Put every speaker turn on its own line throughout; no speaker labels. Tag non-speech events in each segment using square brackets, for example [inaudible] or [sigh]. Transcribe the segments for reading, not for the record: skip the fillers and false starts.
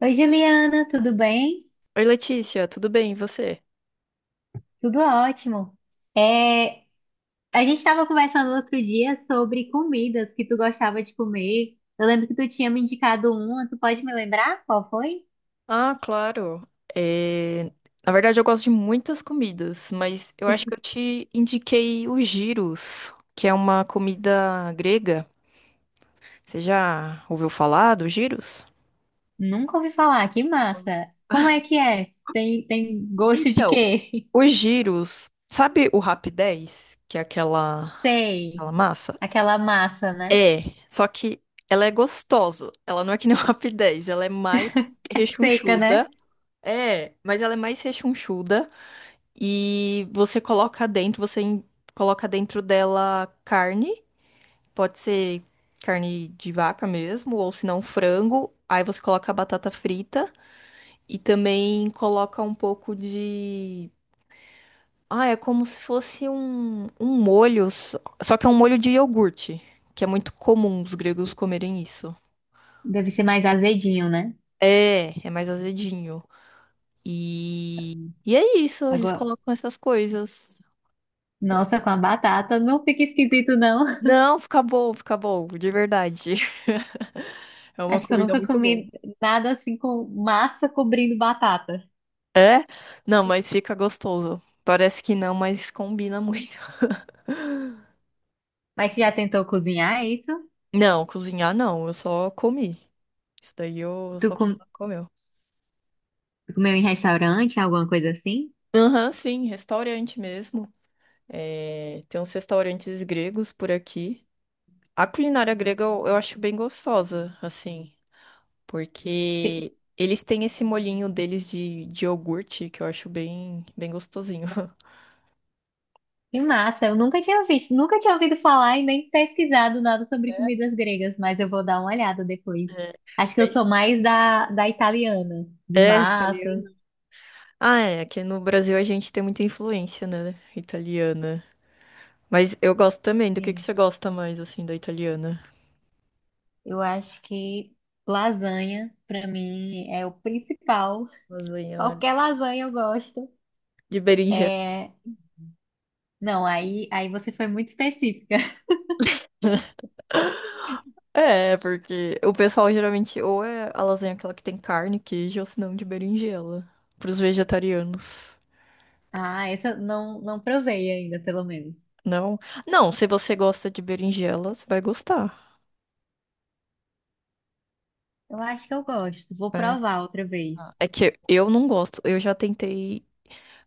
Oi, Juliana, tudo bem?
Oi, Letícia, tudo bem? E você?
Tudo ótimo. É, a gente estava conversando outro dia sobre comidas que tu gostava de comer. Eu lembro que tu tinha me indicado uma, tu pode me lembrar qual foi?
Ah, claro. É, Na verdade, eu gosto de muitas comidas, mas eu acho que eu te indiquei o gyros, que é uma comida grega. Você já ouviu falar do gyros?
Nunca ouvi falar, que massa. Como é que é? Tem gosto de
Então,
quê?
o gyros, sabe o rap 10, que é aquela,
[laughs] Sei,
aquela massa?
aquela massa, né?
É, só que ela é gostosa. Ela não é que nem o [laughs] rap 10, ela é mais
É seca, né?
rechonchuda. É, mas ela é mais rechonchuda. E você coloca dentro, coloca dentro dela carne, pode ser carne de vaca mesmo, ou se não frango. Aí você coloca a batata frita e também coloca um pouco de. Ah, é como se fosse um molho, só que é um molho de iogurte, que é muito comum os gregos comerem isso.
Deve ser mais azedinho, né?
É, é mais azedinho. E é isso, eles
Agora,
colocam essas coisas.
nossa, com a batata, não fica esquisito, não.
Não, fica bom, de verdade. [laughs] É
[laughs]
uma
Acho que eu
comida
nunca
muito boa.
comi nada assim com massa cobrindo batata.
É? Não, mas fica gostoso. Parece que não, mas combina [laughs] muito.
Mas você já tentou cozinhar isso?
Não, cozinhar não, eu só comi. Isso daí eu
Tu
só fui
com-
lá e comeu.
Comeu em restaurante, alguma coisa assim?
Aham, sim, restaurante mesmo. É, tem uns restaurantes gregos por aqui. A culinária grega eu acho bem gostosa, assim,
Que
porque eles têm esse molhinho deles de iogurte que eu acho bem, bem gostosinho.
que massa, eu nunca tinha visto, nunca tinha ouvido falar e nem pesquisado nada sobre
[laughs]
comidas gregas, mas eu vou dar uma olhada depois.
É,
Acho que eu
mas-
sou mais da italiana, de
é, italiano.
massas.
Ah, é, aqui no Brasil a gente tem muita influência, né, italiana. Mas eu gosto também. Do que
Sim,
você gosta mais, assim, da italiana?
eu acho que lasanha, pra mim, é o principal. [laughs]
Lasanha, né?
Qualquer lasanha eu gosto.
De berinjela.
É... Não, aí você foi muito específica. [laughs]
É, porque o pessoal geralmente ou é a lasanha aquela que tem carne, queijo, ou se não de berinjela. Pros vegetarianos.
Ah, essa eu não provei ainda, pelo menos.
Não? Não, se você gosta de berinjela, você vai gostar.
Eu acho que eu gosto. Vou
É.
provar outra vez.
Ah, é que eu não gosto. Eu já tentei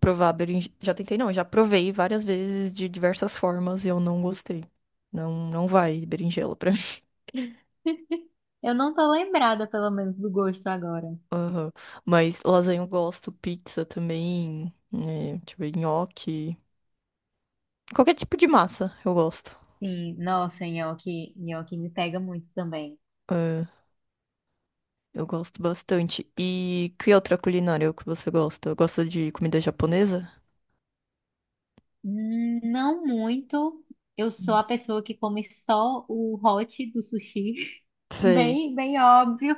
Já tentei não, já provei várias vezes de diversas formas e eu não gostei. Não, não vai berinjela pra mim. [laughs]
Eu não tô lembrada, pelo menos, do gosto agora.
Aham. Mas lasanha eu gosto, pizza também, né, deixa eu ver, nhoque, qualquer tipo de massa eu gosto.
Sim, nossa, nhoque, nhoque me pega muito também.
É, eu gosto bastante. E que outra culinária que você gosta? Eu gosto de comida japonesa?
Não muito. Eu sou
Hum.
a pessoa que come só o hot do sushi. [laughs]
Sei.
Bem, bem óbvio.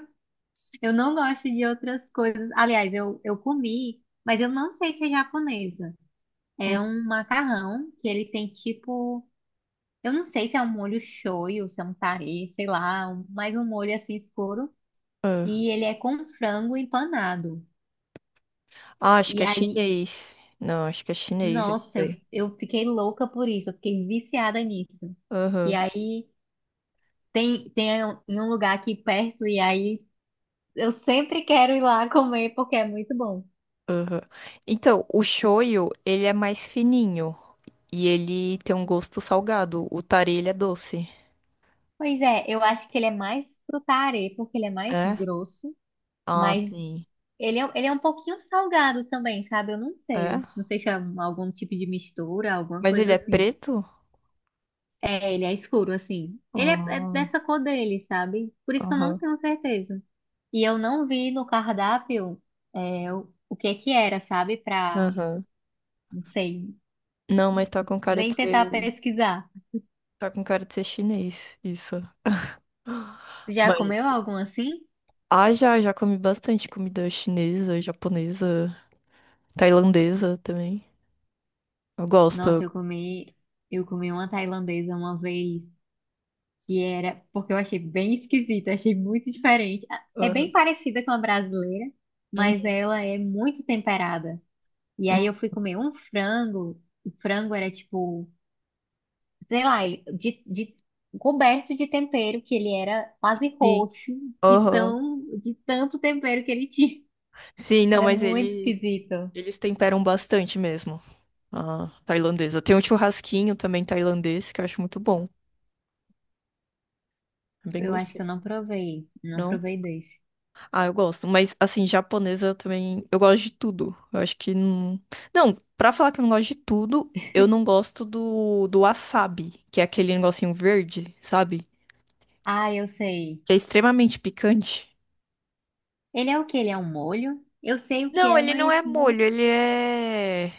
Eu não gosto de outras coisas. Aliás, eu comi, mas eu não sei se é japonesa.
Hum,
É um macarrão que ele tem tipo. Eu não sei se é um molho shoyu, se é um tarê, sei lá, mais um molho assim escuro.
é.
E ele é com frango empanado.
Ah, acho que
E
é
aí,
chinês. Não, acho que é chinês esse
nossa,
daí.
eu fiquei louca por isso, eu fiquei viciada nisso. E
Aham.
aí tem em um lugar aqui perto, e aí eu sempre quero ir lá comer porque é muito bom.
Aham. Então, o shoyu, ele é mais fininho e ele tem um gosto salgado. O tare, ele é doce.
Pois é, eu acho que ele é mais pro tarê, porque ele é mais
É?
grosso,
Ah,
mas
sim.
ele é um pouquinho salgado também, sabe? Eu não
É?
sei. Não sei se é algum tipo de mistura, alguma
Mas ele
coisa
é
assim.
preto?
É, ele é escuro, assim. Ele é, é
Ah,
dessa cor dele, sabe? Por isso que eu não
Aham.
tenho certeza. E eu não vi no cardápio é, o que que era, sabe? Pra,
Aham.
não sei,
Não, mas
nem tentar pesquisar.
tá com cara de ser chinês, isso.
Já
Mas,
comeu algum assim?
ah, já, já comi bastante comida chinesa, japonesa, tailandesa também. Eu
Nossa,
gosto.
eu comi uma tailandesa uma vez, que era, porque eu achei bem esquisita, achei muito diferente. Ah, é
Aham.
bem parecida com a brasileira, mas
Uhum.
ela é muito temperada. E aí eu fui comer um frango, o frango era tipo sei lá, coberto de tempero, que ele era quase
Sim.
roxo, de
Aham.
tão, de tanto tempero que ele tinha.
Sim,
[laughs]
não,
Era
mas
muito
eles,
esquisito.
eles temperam bastante mesmo. Ah, tailandesa. Tem um churrasquinho também tailandês que eu acho muito bom. É. Bem
Eu acho que eu
gostoso,
não provei, não
não?
provei desse.
Ah, eu gosto. Mas, assim, japonesa também. Eu gosto de tudo. Eu acho que não. Não, pra falar que eu não gosto de tudo, eu não gosto do wasabi, que é aquele negocinho verde, sabe?
Ah, eu sei.
Que é extremamente picante.
Ele é o que Ele é um molho? Eu sei o que
Não,
é,
ele não
mas
é
não
molho, ele é.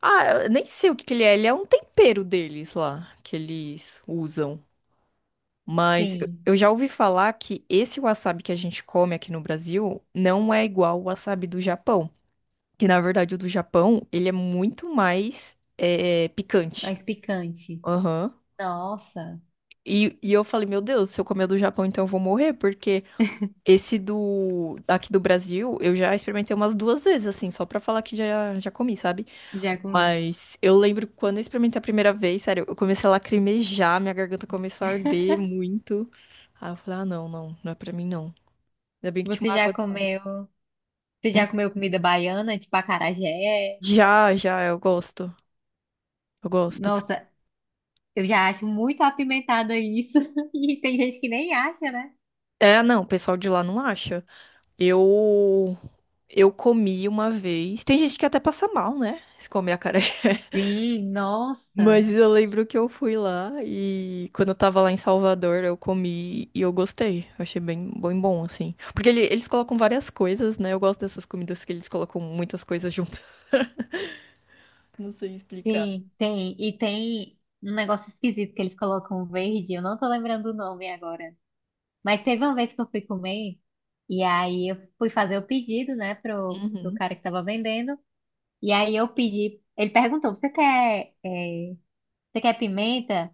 Ah, eu nem sei o que que ele é. Ele é um tempero deles lá, que eles usam. Mas eu
tem.
eu já ouvi falar que esse wasabi que a gente come aqui no Brasil não é igual o wasabi do Japão. Que na verdade o do Japão, ele é muito mais picante.
Mais picante.
Aham.
Nossa,
E eu falei, meu Deus, se eu comer o do Japão, então eu vou morrer, porque esse do aqui do Brasil, eu já experimentei umas duas vezes, assim, só pra falar que já, já comi, sabe?
já comeu.
Mas eu lembro quando eu experimentei a primeira vez, sério, eu comecei a lacrimejar, minha garganta começou a arder
[laughs]
muito. Aí eu falei, ah, não, não, não é pra mim, não. Ainda bem que tinha
Você
uma
já
água do lado.
comeu? Você já comeu comida baiana, tipo acarajé?
Já, já, eu gosto. Eu gosto.
Nossa, eu já acho muito apimentado isso. [laughs] E tem gente que nem acha, né?
É, não, o pessoal de lá não acha. Eu. Eu comi uma vez. Tem gente que até passa mal, né? Se comer acarajé. [laughs]
Sim, nossa.
Mas eu lembro que eu fui lá e quando eu tava lá em Salvador, eu comi e eu gostei. Eu achei bem, bem bom, assim. Porque eles colocam várias coisas, né? Eu gosto dessas comidas que eles colocam muitas coisas juntas. [laughs] Não sei explicar.
Sim, tem. E tem um negócio esquisito que eles colocam verde. Eu não tô lembrando o nome agora. Mas teve uma vez que eu fui comer. E aí eu fui fazer o pedido, né, pro
Uhum.
cara que tava vendendo. E aí eu pedi. Ele perguntou: você quer, você quer pimenta?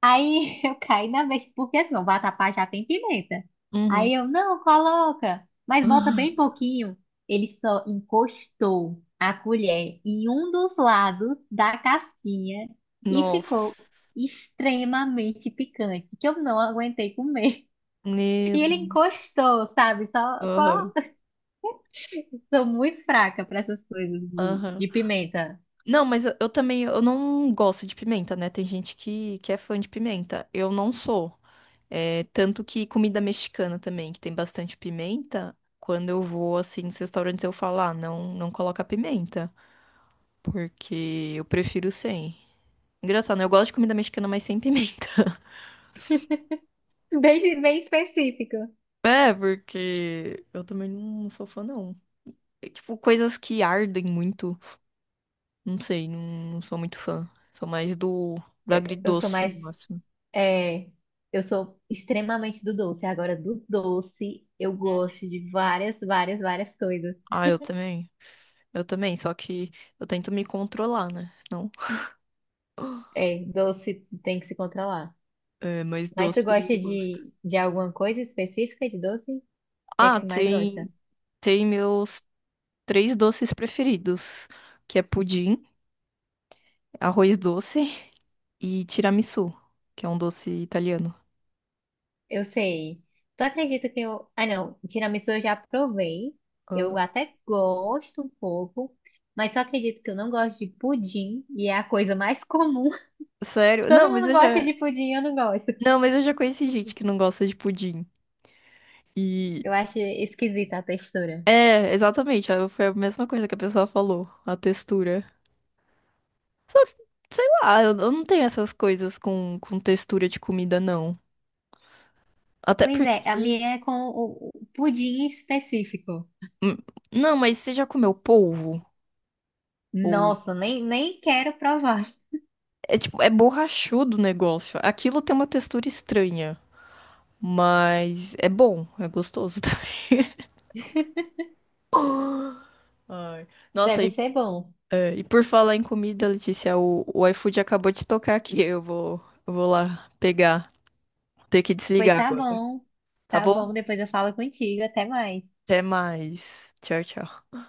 Aí [laughs] eu caí na vez, porque assim, o vatapá já tem pimenta.
Uhum.
Aí eu,
[gasps]
não, coloca, mas bota bem
Ah,
pouquinho. Ele só encostou a colher em um dos lados da casquinha e ficou
nossa.
extremamente picante, que eu não aguentei comer. [laughs]
Meu
E ele encostou, sabe? Só,
Deus.
só... [laughs] Sou muito fraca para essas coisas
Aham.
de pimenta,
Não, mas eu também, eu não gosto de pimenta, né? Tem gente que é fã de pimenta. Eu não sou. É, tanto que comida mexicana também, que tem bastante pimenta, quando eu vou, assim, nos restaurantes, eu falo, ah, não, não coloca pimenta, porque eu prefiro sem. Engraçado, né? Eu gosto de comida mexicana, mas sem pimenta. [laughs]
bem, bem específica.
É, porque eu também não sou fã, não. É, tipo, coisas que ardem muito, não sei, não, não sou muito fã. Sou mais do
Eu sou
agridoce,
mais.
no máximo.
É, eu sou extremamente do doce. Agora, do doce, eu gosto de várias, várias, várias coisas.
Ah, eu também. Eu também, só que eu tento me controlar, né? Não. [gasps]
É, doce tem que se controlar.
É, mas
Mas tu
doce
gosta
eu gosto.
de alguma coisa específica de doce? O que é que
Ah,
tu mais gosta?
tem meus três doces preferidos, que é pudim, arroz doce e tiramisu, que é um doce italiano.
Eu sei. Tu acredita que eu. Ah, não. Tiramisu eu já provei. Eu
Ah,
até gosto um pouco. Mas só acredito que eu não gosto de pudim. E é a coisa mais comum. [laughs]
sério?
Todo mundo gosta de pudim, eu não gosto.
Não, mas eu já conheci gente que não gosta de pudim. E
Eu acho esquisita a textura.
é, exatamente, ah, foi a mesma coisa que a pessoa falou, a textura. Só que, sei lá, eu não tenho essas coisas com textura de comida, não. Até
Pois
porque
é, a minha é com o pudim específico.
hum, não, mas você já comeu polvo? Ou...
Nossa, nem, nem quero provar.
É tipo, é borrachudo o negócio. Aquilo tem uma textura estranha, mas é bom, é gostoso. [laughs] Ai. Nossa,
Deve
e,
ser bom.
é, e por falar em comida, Letícia, o iFood acabou de tocar aqui. Eu vou lá pegar. Ter que
Pois
desligar
tá
agora.
bom.
Tá
Tá bom,
bom?
depois eu falo contigo. Até mais.
Até mais. Tchau, tchau.